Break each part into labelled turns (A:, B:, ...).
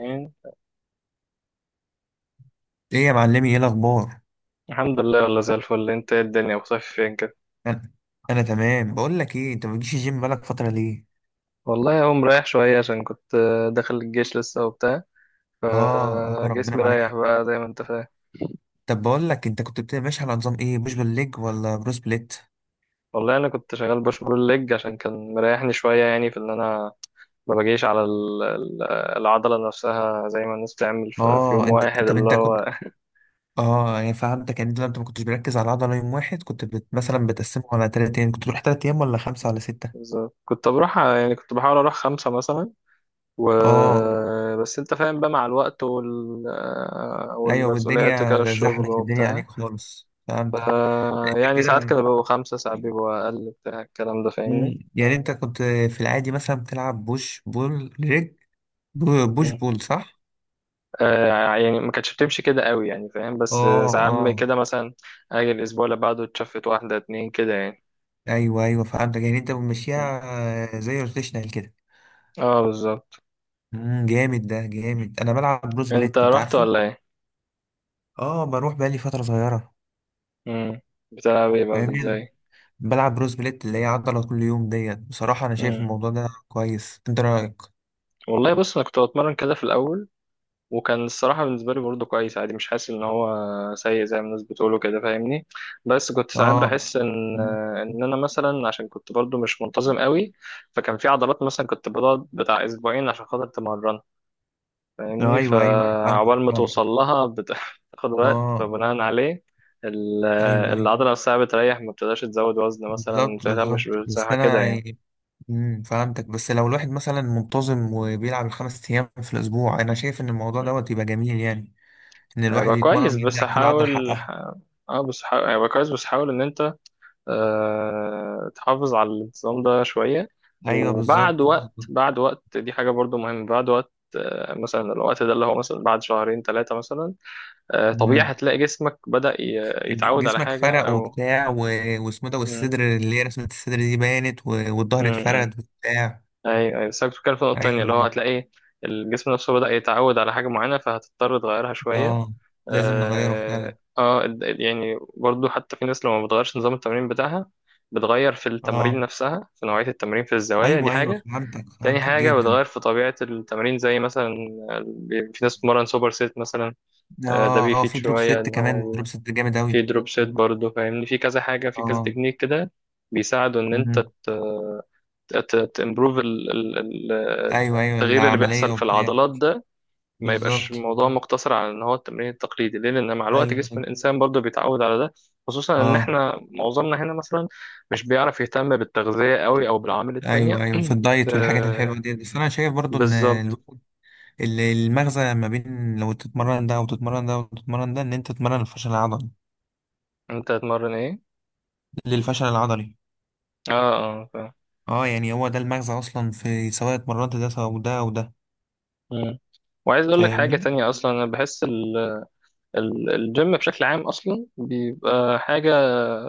A: يعني،
B: ايه يا معلمي، ايه الاخبار؟
A: الحمد لله، والله زي الفل. انت ايه؟ الدنيا وصيف فين كده؟
B: انا انا تمام. بقول لك ايه، انت ما بتجيش الجيم بقالك فتره ليه؟
A: والله اهو مريح شوية عشان كنت داخل الجيش لسه وبتاع،
B: اه ربنا
A: فجسمي رايح
B: معاك.
A: بقى زي ما انت فاهم.
B: طب بقول لك، انت كنت بتبقى ماشي على نظام ايه، بوش بالليج ولا برو سبليت؟
A: والله انا كنت شغال بوش بول ليج عشان كان مريحني شوية، يعني في ان انا ما باجيش على العضلة نفسها زي ما الناس بتعمل في
B: اه،
A: يوم واحد
B: انت طب
A: اللي
B: انت كنت
A: هو.
B: اه يعني فهمتك. يعني انت ما كنتش بركز على عضله يوم واحد. كنت
A: مم.
B: مثلا بتقسمه على تلات ايام. كنت تروح تلات ايام ولا خمسه ولا
A: مم.
B: سته؟
A: بالظبط، كنت بروح، يعني كنت بحاول اروح خمسة مثلا، و
B: اه،
A: بس انت فاهم بقى مع الوقت
B: ايوه.
A: والمسؤوليات وكده
B: والدنيا
A: الشغل
B: زحمت، الدنيا
A: وبتاع.
B: عليك خالص،
A: ف
B: فهمتك. انت
A: يعني ساعات
B: كده.
A: كانوا بيبقوا خمسة، ساعات بيبقوا أقل، بتاع الكلام ده فاهمني.
B: يعني انت كنت في العادي مثلا بتلعب بوش بول رجل، بوش
A: مم.
B: بول، صح؟
A: آه، يعني ما كانتش بتمشي كده قوي، يعني فاهم، بس
B: اه
A: ساعات
B: اه،
A: كده مثلا أجي الأسبوع اللي بعده اتشفت واحدة اتنين كده يعني.
B: ايوه ايوه، فهمتك. يعني انت
A: مم.
B: بتمشيها آه، زي روتيشنال كده.
A: اه بالظبط.
B: جامد، ده جامد. انا بلعب بروس
A: انت
B: بليت، انت
A: رحت
B: عارفه؟
A: ولا ايه؟
B: اه، بروح بقالي فترة صغيرة.
A: مم. بتلعب ايه بقى
B: فاهمني؟
A: ازاي؟
B: بلعب بروس بليت اللي هي عضلة كل يوم. ديت بصراحة انا شايف
A: مم.
B: الموضوع ده كويس، انت رأيك؟
A: والله بص، انا كنت بتمرن كده في الأول، وكان الصراحة بالنسبة لي برضه كويس، عادي، مش حاسس إن هو سيء زي ما الناس بتقوله كده فاهمني. بس كنت ساعات
B: اه،
A: بحس إن أنا مثلا عشان كنت برضه مش منتظم قوي، فكان في عضلات مثلا كنت بقعد بتاع أسبوعين عشان خاطر تمرن فاهمني،
B: ايوه ايوه، انا فاهم
A: فعقبال ما
B: فاهم.
A: توصل لها بتاخد وقت،
B: اه،
A: فبناء عليه ال-
B: ايوه ايوه،
A: العضلة نفسها بتريح، ما بتقدرش تزود وزن مثلا، ما
B: بالظبط بالظبط.
A: بتهتمش
B: بس
A: بالصحة كده
B: انا
A: يعني.
B: يعني فهمتك. بس لو الواحد مثلا منتظم وبيلعب الخمس ايام في الاسبوع، انا شايف ان الموضوع دوت يبقى جميل. يعني ان الواحد
A: هيبقى كويس
B: يتمرن يدي
A: بس
B: على كل عضله
A: حاول
B: حقها.
A: بس حاول هيبقى كويس بس حاول ان انت تحافظ على الانتظام ده شوية.
B: ايوه،
A: وبعد
B: بالظبط
A: وقت،
B: بالظبط.
A: بعد وقت، دي حاجة برضو مهمة. بعد وقت مثلا، الوقت ده اللي هو مثلا بعد شهرين ثلاثة مثلا، طبيعي
B: امم
A: هتلاقي جسمك بدأ يتعود على
B: جسمك
A: حاجة
B: فرق
A: أو
B: وبتاع و... واسمه إيه ده؟
A: م-
B: والصدر اللي هي رسمه الصدر دي بانت و...
A: م-
B: والظهر
A: م.
B: اتفرد وبتاع.
A: أيوه أيوه، بس أنا كنت بتكلم في نقطة تانية
B: ايوه
A: اللي هو
B: دي.
A: هتلاقي الجسم نفسه بدأ يتعود على حاجة معينة فهتضطر تغيرها شوية.
B: اه، لازم نغيره
A: اه
B: فعلا.
A: يعني برضو، حتى في ناس لو ما بتغيرش نظام التمرين بتاعها، بتغير في التمارين
B: اه،
A: نفسها، في نوعية التمرين، في الزوايا، دي
B: ايوه ايوه،
A: حاجة.
B: فهمتك
A: تاني
B: فهمتك
A: حاجة،
B: جدا.
A: بتغير في طبيعة التمرين زي مثلا في ناس بتتمرن سوبر سيت مثلا. ده
B: اه
A: بيفيد
B: في دروب
A: شوية
B: ست
A: إن
B: كمان،
A: هو
B: دروب ست جامد اوي.
A: في دروب سيت برضه فاهمني، في كذا حاجة، في كذا
B: اه.
A: تكنيك كده بيساعدوا إن أنت
B: امم.
A: تمبروف
B: ايوه ايوه،
A: التغيير اللي
B: العمليه
A: بيحصل في
B: وبتاع.
A: العضلات ده. ما يبقاش
B: بالظبط،
A: الموضوع مقتصر على إن هو التمرين التقليدي ليه؟ لأن مع الوقت
B: ايوه
A: جسم
B: ايوه.
A: الإنسان برضه بيتعود على ده، خصوصا إن
B: اه،
A: إحنا معظمنا هنا مثلا مش بيعرف يهتم بالتغذية قوي أو بالعوامل
B: ايوه
A: التانية.
B: ايوه. في الدايت والحاجات
A: آه،
B: الحلوه دي، بس انا شايف برضو ان
A: بالظبط.
B: المغزى ما بين لو تتمرن ده وتتمرن ده وتتمرن ده، ان انت تتمرن الفشل العضلي،
A: انت هتمرن ايه.
B: للفشل العضلي.
A: اه اه فاهم.
B: اه، يعني هو ده المغزى اصلا. في سواء اتمرنت ده او ده او ده،
A: مم. وعايز اقول لك حاجه
B: فاهمني.
A: تانية، اصلا انا بحس الجيم بشكل عام اصلا بيبقى حاجه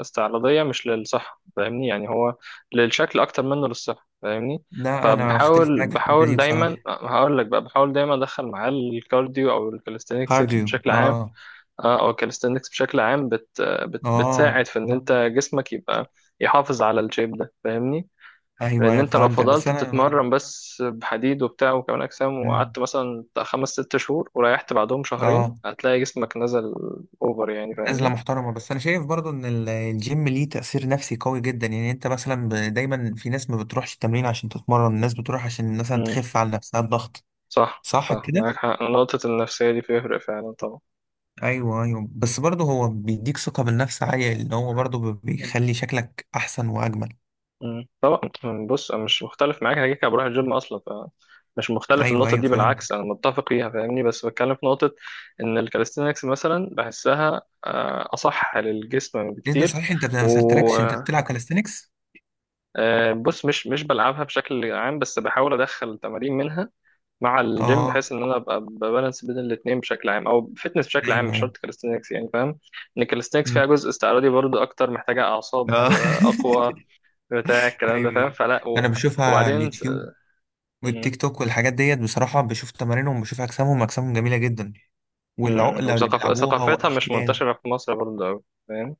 A: استعراضيه مش للصحه فاهمني، يعني هو للشكل اكتر منه للصحه فاهمني.
B: لا، انا بختلف
A: فبحاول،
B: معاك في الحته
A: بحاول
B: دي
A: دايما،
B: بصراحه.
A: هقول لك بقى، بحاول دايما ادخل معاه الكارديو او الكاليستينكس
B: كارديو،
A: بشكل عام.
B: اه.
A: اه او الكاليستينكس بشكل عام بت
B: اه،
A: بتساعد في ان انت جسمك يبقى يحافظ على الشيب ده فاهمني.
B: ايوه
A: لان
B: ايوه،
A: انت لو
B: فهمتك بس
A: فضلت
B: انا.
A: بتتمرن بس بحديد وبتاع وكمال اجسام،
B: مم.
A: وقعدت مثلا بتاع خمس ست شهور وريحت بعدهم شهرين،
B: اه،
A: هتلاقي جسمك نزل اوفر يعني
B: نزلة
A: فاهمني.
B: محترمة. بس أنا شايف برضو إن الجيم ليه تأثير نفسي قوي جدا. يعني أنت مثلا دايما في ناس ما بتروحش التمرين عشان تتمرن. الناس بتروح عشان مثلا
A: امم.
B: تخف على نفسها الضغط،
A: صح
B: صح
A: صح،
B: كده؟
A: معاك حق، نقطة النفسية دي بيفرق فعلا طبعا.
B: أيوه أيوه، بس برضو هو بيديك ثقة بالنفس عالية، لأن هو برضو
A: مم.
B: بيخلي شكلك أحسن وأجمل.
A: مم. طبعا، بص انا مش مختلف معاك، انا كده كده بروح الجيم اصلا، فمش مختلف في
B: أيوه
A: النقطة
B: أيوه،
A: دي، بالعكس
B: فهمتك.
A: انا متفق فيها فاهمني. بس بتكلم في نقطة ان الكاليستينكس مثلا بحسها اصح للجسم
B: إيه ده؟
A: بكتير.
B: صحيح، أنت ما سألتلكش، أنت بتلعب كاليستنكس؟
A: بص، مش بلعبها بشكل عام بس بحاول ادخل تمارين منها مع الجيم،
B: أه،
A: بحيث ان انا ابقى ببالانس بين الاثنين بشكل عام، او فيتنس بشكل عام،
B: أيوه
A: مش
B: أيوه.
A: شرط كاليستنكس يعني فاهم. ان الكاليستنكس فيها
B: مم.
A: جزء استعراضي برضه اكتر، محتاجه اعصاب
B: أه
A: اقوى، بتاع الكلام
B: أيوه
A: ده فاهم.
B: أيوه.
A: فلا
B: أنا
A: و...
B: بشوفها على
A: وبعدين
B: اليوتيوب
A: م-
B: والتيك توك والحاجات ديت. بصراحة بشوف تمارينهم، بشوف أجسامهم، أجسامهم جميلة جدا، والعقلة اللي بيلعبوها
A: ثقافتها مش
B: وأشكال.
A: منتشره في مصر برضه أوي فاهم.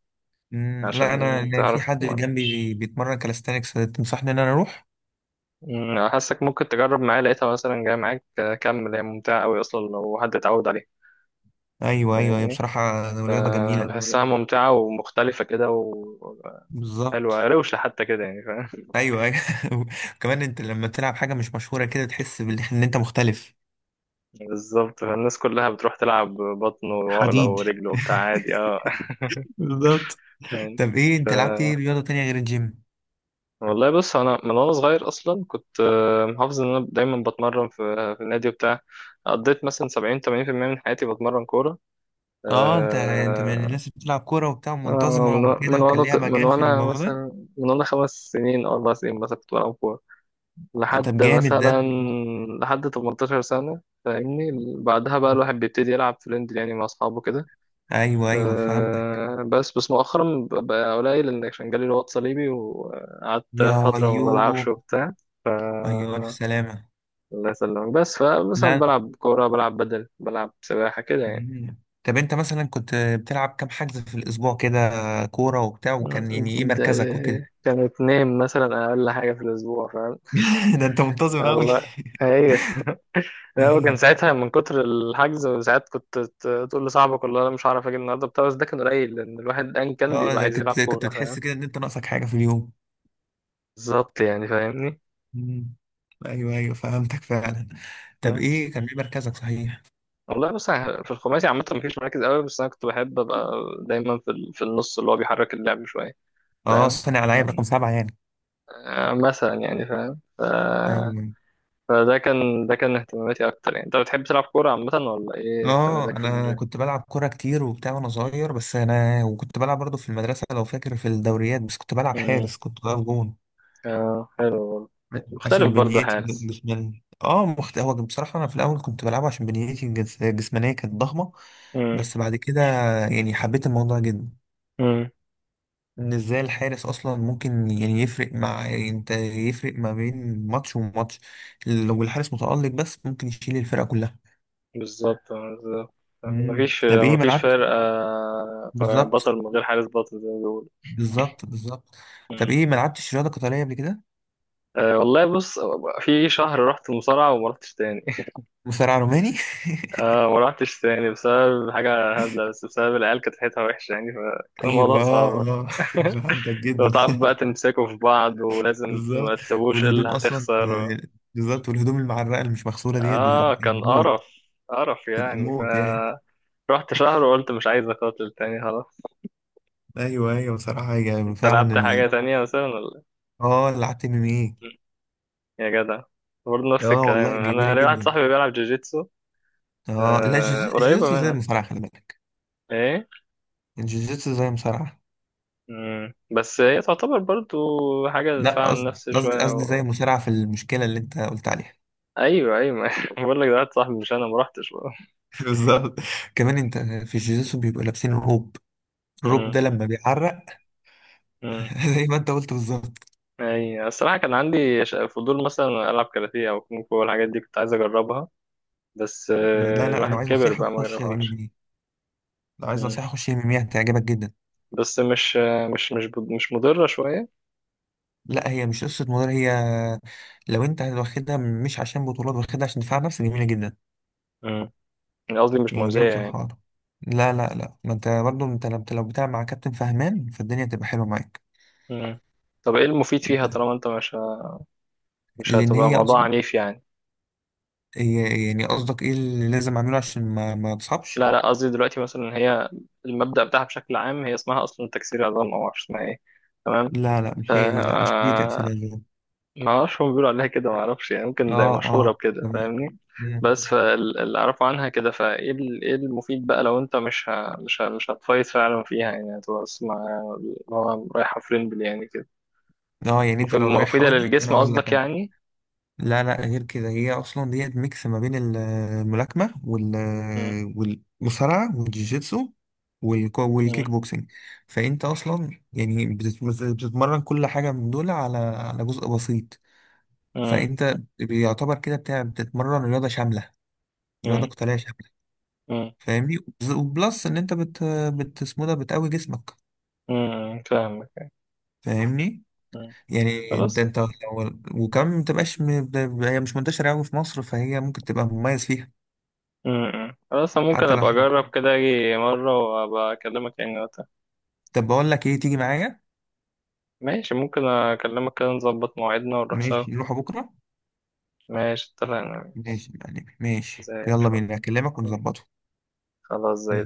A: عشان
B: لا، أنا في
A: تعرف
B: حد جنبي بيتمرن كاليستانكس، تنصحني إن أنا أروح؟
A: حاسك ممكن تجرب معايا، لقيتها مثلا جايه معاك كمل. هي ممتعه قوي اصلا لو حد اتعود عليها
B: أيوه أيوه، هي
A: فاهمني،
B: بصراحة رياضة جميلة.
A: فبحسها ممتعة ومختلفة كده وحلوة
B: بالظبط،
A: روشة حتى كده يعني فاهم.
B: أيوه أيوه. كمان أنت لما تلعب حاجة مش مشهورة كده، تحس إن أنت مختلف.
A: بالظبط، فالناس كلها بتروح تلعب بطن وعقلة
B: حديد
A: ورجل وبتاع عادي. اه
B: بالظبط.
A: يعني.
B: طب إيه،
A: ف
B: أنت لعبت إيه رياضة تانية غير الجيم؟
A: والله بص انا من وانا صغير اصلا كنت محافظ ان انا دايما بتمرن في النادي وبتاع، قضيت مثلا 70 80% من حياتي بتمرن كورة.
B: أه، أنت من الناس
A: آه،
B: اللي بتلعب كورة وبتاع
A: آه،
B: منتظمة
A: من و-
B: وكده،
A: من
B: وكان
A: وانا ط-
B: ليها
A: من
B: مجال في
A: وانا
B: الموضوع ده.
A: مثلا من وانا 5 سنين او 4 سنين مثلا كنت بلعب كورة لحد
B: طب جامد
A: مثلا
B: ده.
A: لحد 18 سنة فاهمني. بعدها بقى الواحد بيبتدي يلعب فريند، يعني مع أصحابه كده.
B: ايوه ايوه، فهمتك.
A: أه بس مؤخرا بقى قليل، لأن عشان جالي رباط صليبي وقعدت
B: يا
A: فترة ما بلعبش
B: ايوه،
A: وبتاع.
B: ايوه الف سلامه.
A: الله يسلمك، بس فمثلا
B: لا.
A: بلعب كورة، بلعب بدل، بلعب سباحة كده يعني.
B: مم. طب انت مثلا كنت بتلعب كام حجز في الاسبوع كده، كوره وبتاع، وكان
A: مم.
B: يعني ايه
A: ده
B: مركزك وكده؟
A: كانوا اتنين مثلا أقل حاجة في الأسبوع فاهم.
B: ده انت منتظم قوي.
A: الله. أيوه. هو كان ساعتها من كتر الحجز، ساعات كنت تقول لصاحبك والله انا مش هعرف اجي النهارده بتاع، بس ده كان قليل لان الواحد ان كان
B: اه،
A: بيبقى
B: ده
A: عايز يلعب
B: كنت
A: كوره فاهم.
B: بتحس كده ان انت ناقصك حاجه في اليوم.
A: بالظبط يعني فاهمني.
B: مم. ايوه ايوه، فهمتك فعلا. طب
A: بس
B: ايه، كان ايه مركزك، صحيح؟
A: والله بص، أنا في الخماسي عامه مفيش مراكز قوي، بس انا كنت بحب ابقى دايما في في النص اللي هو بيحرك اللعب شويه
B: اه،
A: فاهم.
B: صانع العاب رقم 7 يعني.
A: مثلا يعني فاهم. ف...
B: ايوه.
A: فده كان ده كان اهتماماتي اكتر يعني. انت بتحب تلعب كوره عامه ولا ايه
B: اه،
A: اهتماماتك في
B: انا
A: الجيم؟
B: كنت بلعب كوره كتير وبتاع وانا صغير. بس انا، وكنت بلعب برضه في المدرسه لو فاكر، في الدوريات، بس كنت بلعب
A: امم.
B: حارس، كنت بلعب جون.
A: اه حلو برضه، مختلف
B: عشان
A: برضه
B: بنيتي
A: الحارس.
B: جسمانية، اه، هو بصراحه انا في الاول كنت بلعبه عشان بنيتي الجسمانيه كانت ضخمه.
A: امم.
B: بس بعد كده، يعني حبيت الموضوع جدا. ان ازاي الحارس اصلا ممكن يعني يفرق مع، يعني انت، يفرق ما بين ماتش وماتش. لو الحارس متالق بس، ممكن يشيل الفرقه كلها.
A: بالظبط، بالظبط. مفيش
B: طب ايه ما
A: مفيش
B: لعبت؟
A: فرق
B: بالظبط
A: بطل من غير حارس بطل زي ما بيقولوا.
B: بالظبط، بالظبط. طب
A: مم.
B: ايه، ما لعبتش رياضه قتاليه قبل كده؟
A: أه والله بص، في شهر رحت مصارعة وما رحتش تاني.
B: مصارع روماني.
A: أه، ما رحتش تاني بسبب حاجة هبلة، بس بسبب العيال كانت ريحتها وحشة، يعني فكان الموضوع
B: ايوه، اه
A: صعب.
B: اه فهمتك
A: لو
B: جدا.
A: تعرف بقى تمسكوا في بعض، ولازم
B: بالظبط،
A: ما تسووش
B: والهدوم
A: إلا
B: اصلا
A: هتخسر.
B: بالظبط، والهدوم المعرقه اللي مش مغسوله ديت بتبقى
A: اه كان
B: موت.
A: قرف، قرف
B: بتبقى
A: يعني. ف
B: موت يعني.
A: رحت شهر وقلت مش عايز أقاتل تاني خلاص.
B: ايوه ايوه، بصراحه، يعني
A: انت
B: فعلا
A: لعبت
B: ال...
A: حاجة تانية مثلا ولا؟
B: اه، لعبت MMA.
A: يا جدع، برضه نفس
B: اه
A: الكلام،
B: والله جميله
A: انا ليا واحد
B: جدا.
A: صاحبي بيلعب جوجيتسو.
B: اه، لا، جوجيتسو.
A: قريبه
B: جوجيتسو زي
A: منها.
B: المصارعه، خلي بالك.
A: ايه.
B: الجوجيتسو زي المصارعه.
A: مم. بس هي تعتبر برضه حاجه
B: لا،
A: دفاع عن
B: قصدي
A: النفس
B: قصدي
A: شويه
B: قصدي زي
A: و...
B: المصارعه، في المشكله اللي انت قلت عليها.
A: ايوه ايوه. بقول لك، ده واحد صاحبي، مش انا، ما رحتش بقى.
B: بالظبط. كمان انت في الجيزوسو بيبقوا لابسين روب. الروب
A: مم.
B: ده لما بيعرق
A: مم.
B: زي ما انت قلت، بالظبط.
A: اي الصراحه كان عندي فضول مثلا العب كاراتيه او كونغ فو والحاجات دي، كنت عايز اجربها، بس
B: لا لا،
A: الواحد
B: لو عايز
A: كبر
B: نصيحة
A: بقى ما
B: خش ام ام
A: جربهاش.
B: اي لو عايز
A: مم.
B: نصيحة خش ام ام اي، هتعجبك جدا.
A: بس مش آه، مش مش ب- مش مضره شويه.
B: لا، هي مش قصة مدرب. هي لو انت واخدها مش عشان بطولات، واخدها عشان دفاع نفسي، جميلة جدا.
A: مم. قصدي مش
B: يعني دي
A: مؤذيه يعني.
B: بصراحة. لا لا لا، ما انت برضه، انت لو بتلعب مع كابتن فهمان، فالدنيا تبقى حلوة معاك.
A: مم. طب ايه المفيد فيها طالما انت مش
B: لان
A: هتبقى
B: هي
A: موضوع
B: اصلا.
A: عنيف يعني؟
B: هي يعني قصدك ايه اللي لازم اعمله عشان ما
A: لا
B: تصابش؟
A: لا، قصدي دلوقتي مثلا إن هي المبدأ بتاعها بشكل عام، هي اسمها اصلا تكسير عظام او معرفش اسمها ايه. تمام.
B: لا لا،
A: ف
B: مش هي دي. لا، مش دي تأثير.
A: آه، ما اعرفش، هم بيقولوا عليها كده ما اعرفش يعني، ممكن ده
B: اه
A: مشهوره
B: اه
A: بكده
B: تمام.
A: فاهمني.
B: مم.
A: بس فاللي اعرفه عنها كده، فايه ايه المفيد بقى لو انت مش هتفايت فعلا فيها يعني، هتبقى اسمع هو رايحه فريمبل يعني كده.
B: اه، يعني انت لو رايحها،
A: مفيده
B: ودي انا
A: للجسم
B: اقول لك،
A: قصدك
B: انا.
A: يعني.
B: لا لا، غير كده هي اصلا ديت ميكس ما بين الملاكمه
A: م-
B: والمصارعه والجيجيتسو
A: م-
B: والكيك بوكسنج. فانت اصلا يعني بتتمرن كل حاجه من دول، على جزء بسيط.
A: م-
B: فانت بيعتبر كده بتاع بتتمرن رياضه شامله، رياضه
A: م-
B: قتاليه شامله،
A: م-
B: فاهمني. وبلس ان انت بت بت اسمه ده، بتقوي جسمك،
A: فاهمك.
B: فاهمني.
A: م.
B: يعني انت
A: خلاص.
B: انت وكمان ما تبقاش هي مش منتشره قوي في مصر، فهي ممكن تبقى مميز فيها.
A: امم، خلاص، أنا ممكن
B: حتى لو،
A: ابقى
B: حلو.
A: اجرب كده اجي مره وابقى اكلمك يعني وقتها.
B: طب بقول لك ايه، تيجي معايا؟
A: ماشي، ممكن اكلمك كده نظبط مواعيدنا ونروح سوا.
B: ماشي، نروح بكره.
A: ماشي اتفقنا.
B: ماشي يعني، ماشي،
A: زي
B: يلا
A: الفل.
B: بينا، اكلمك ونظبطه.
A: خلاص زي.
B: ماشي.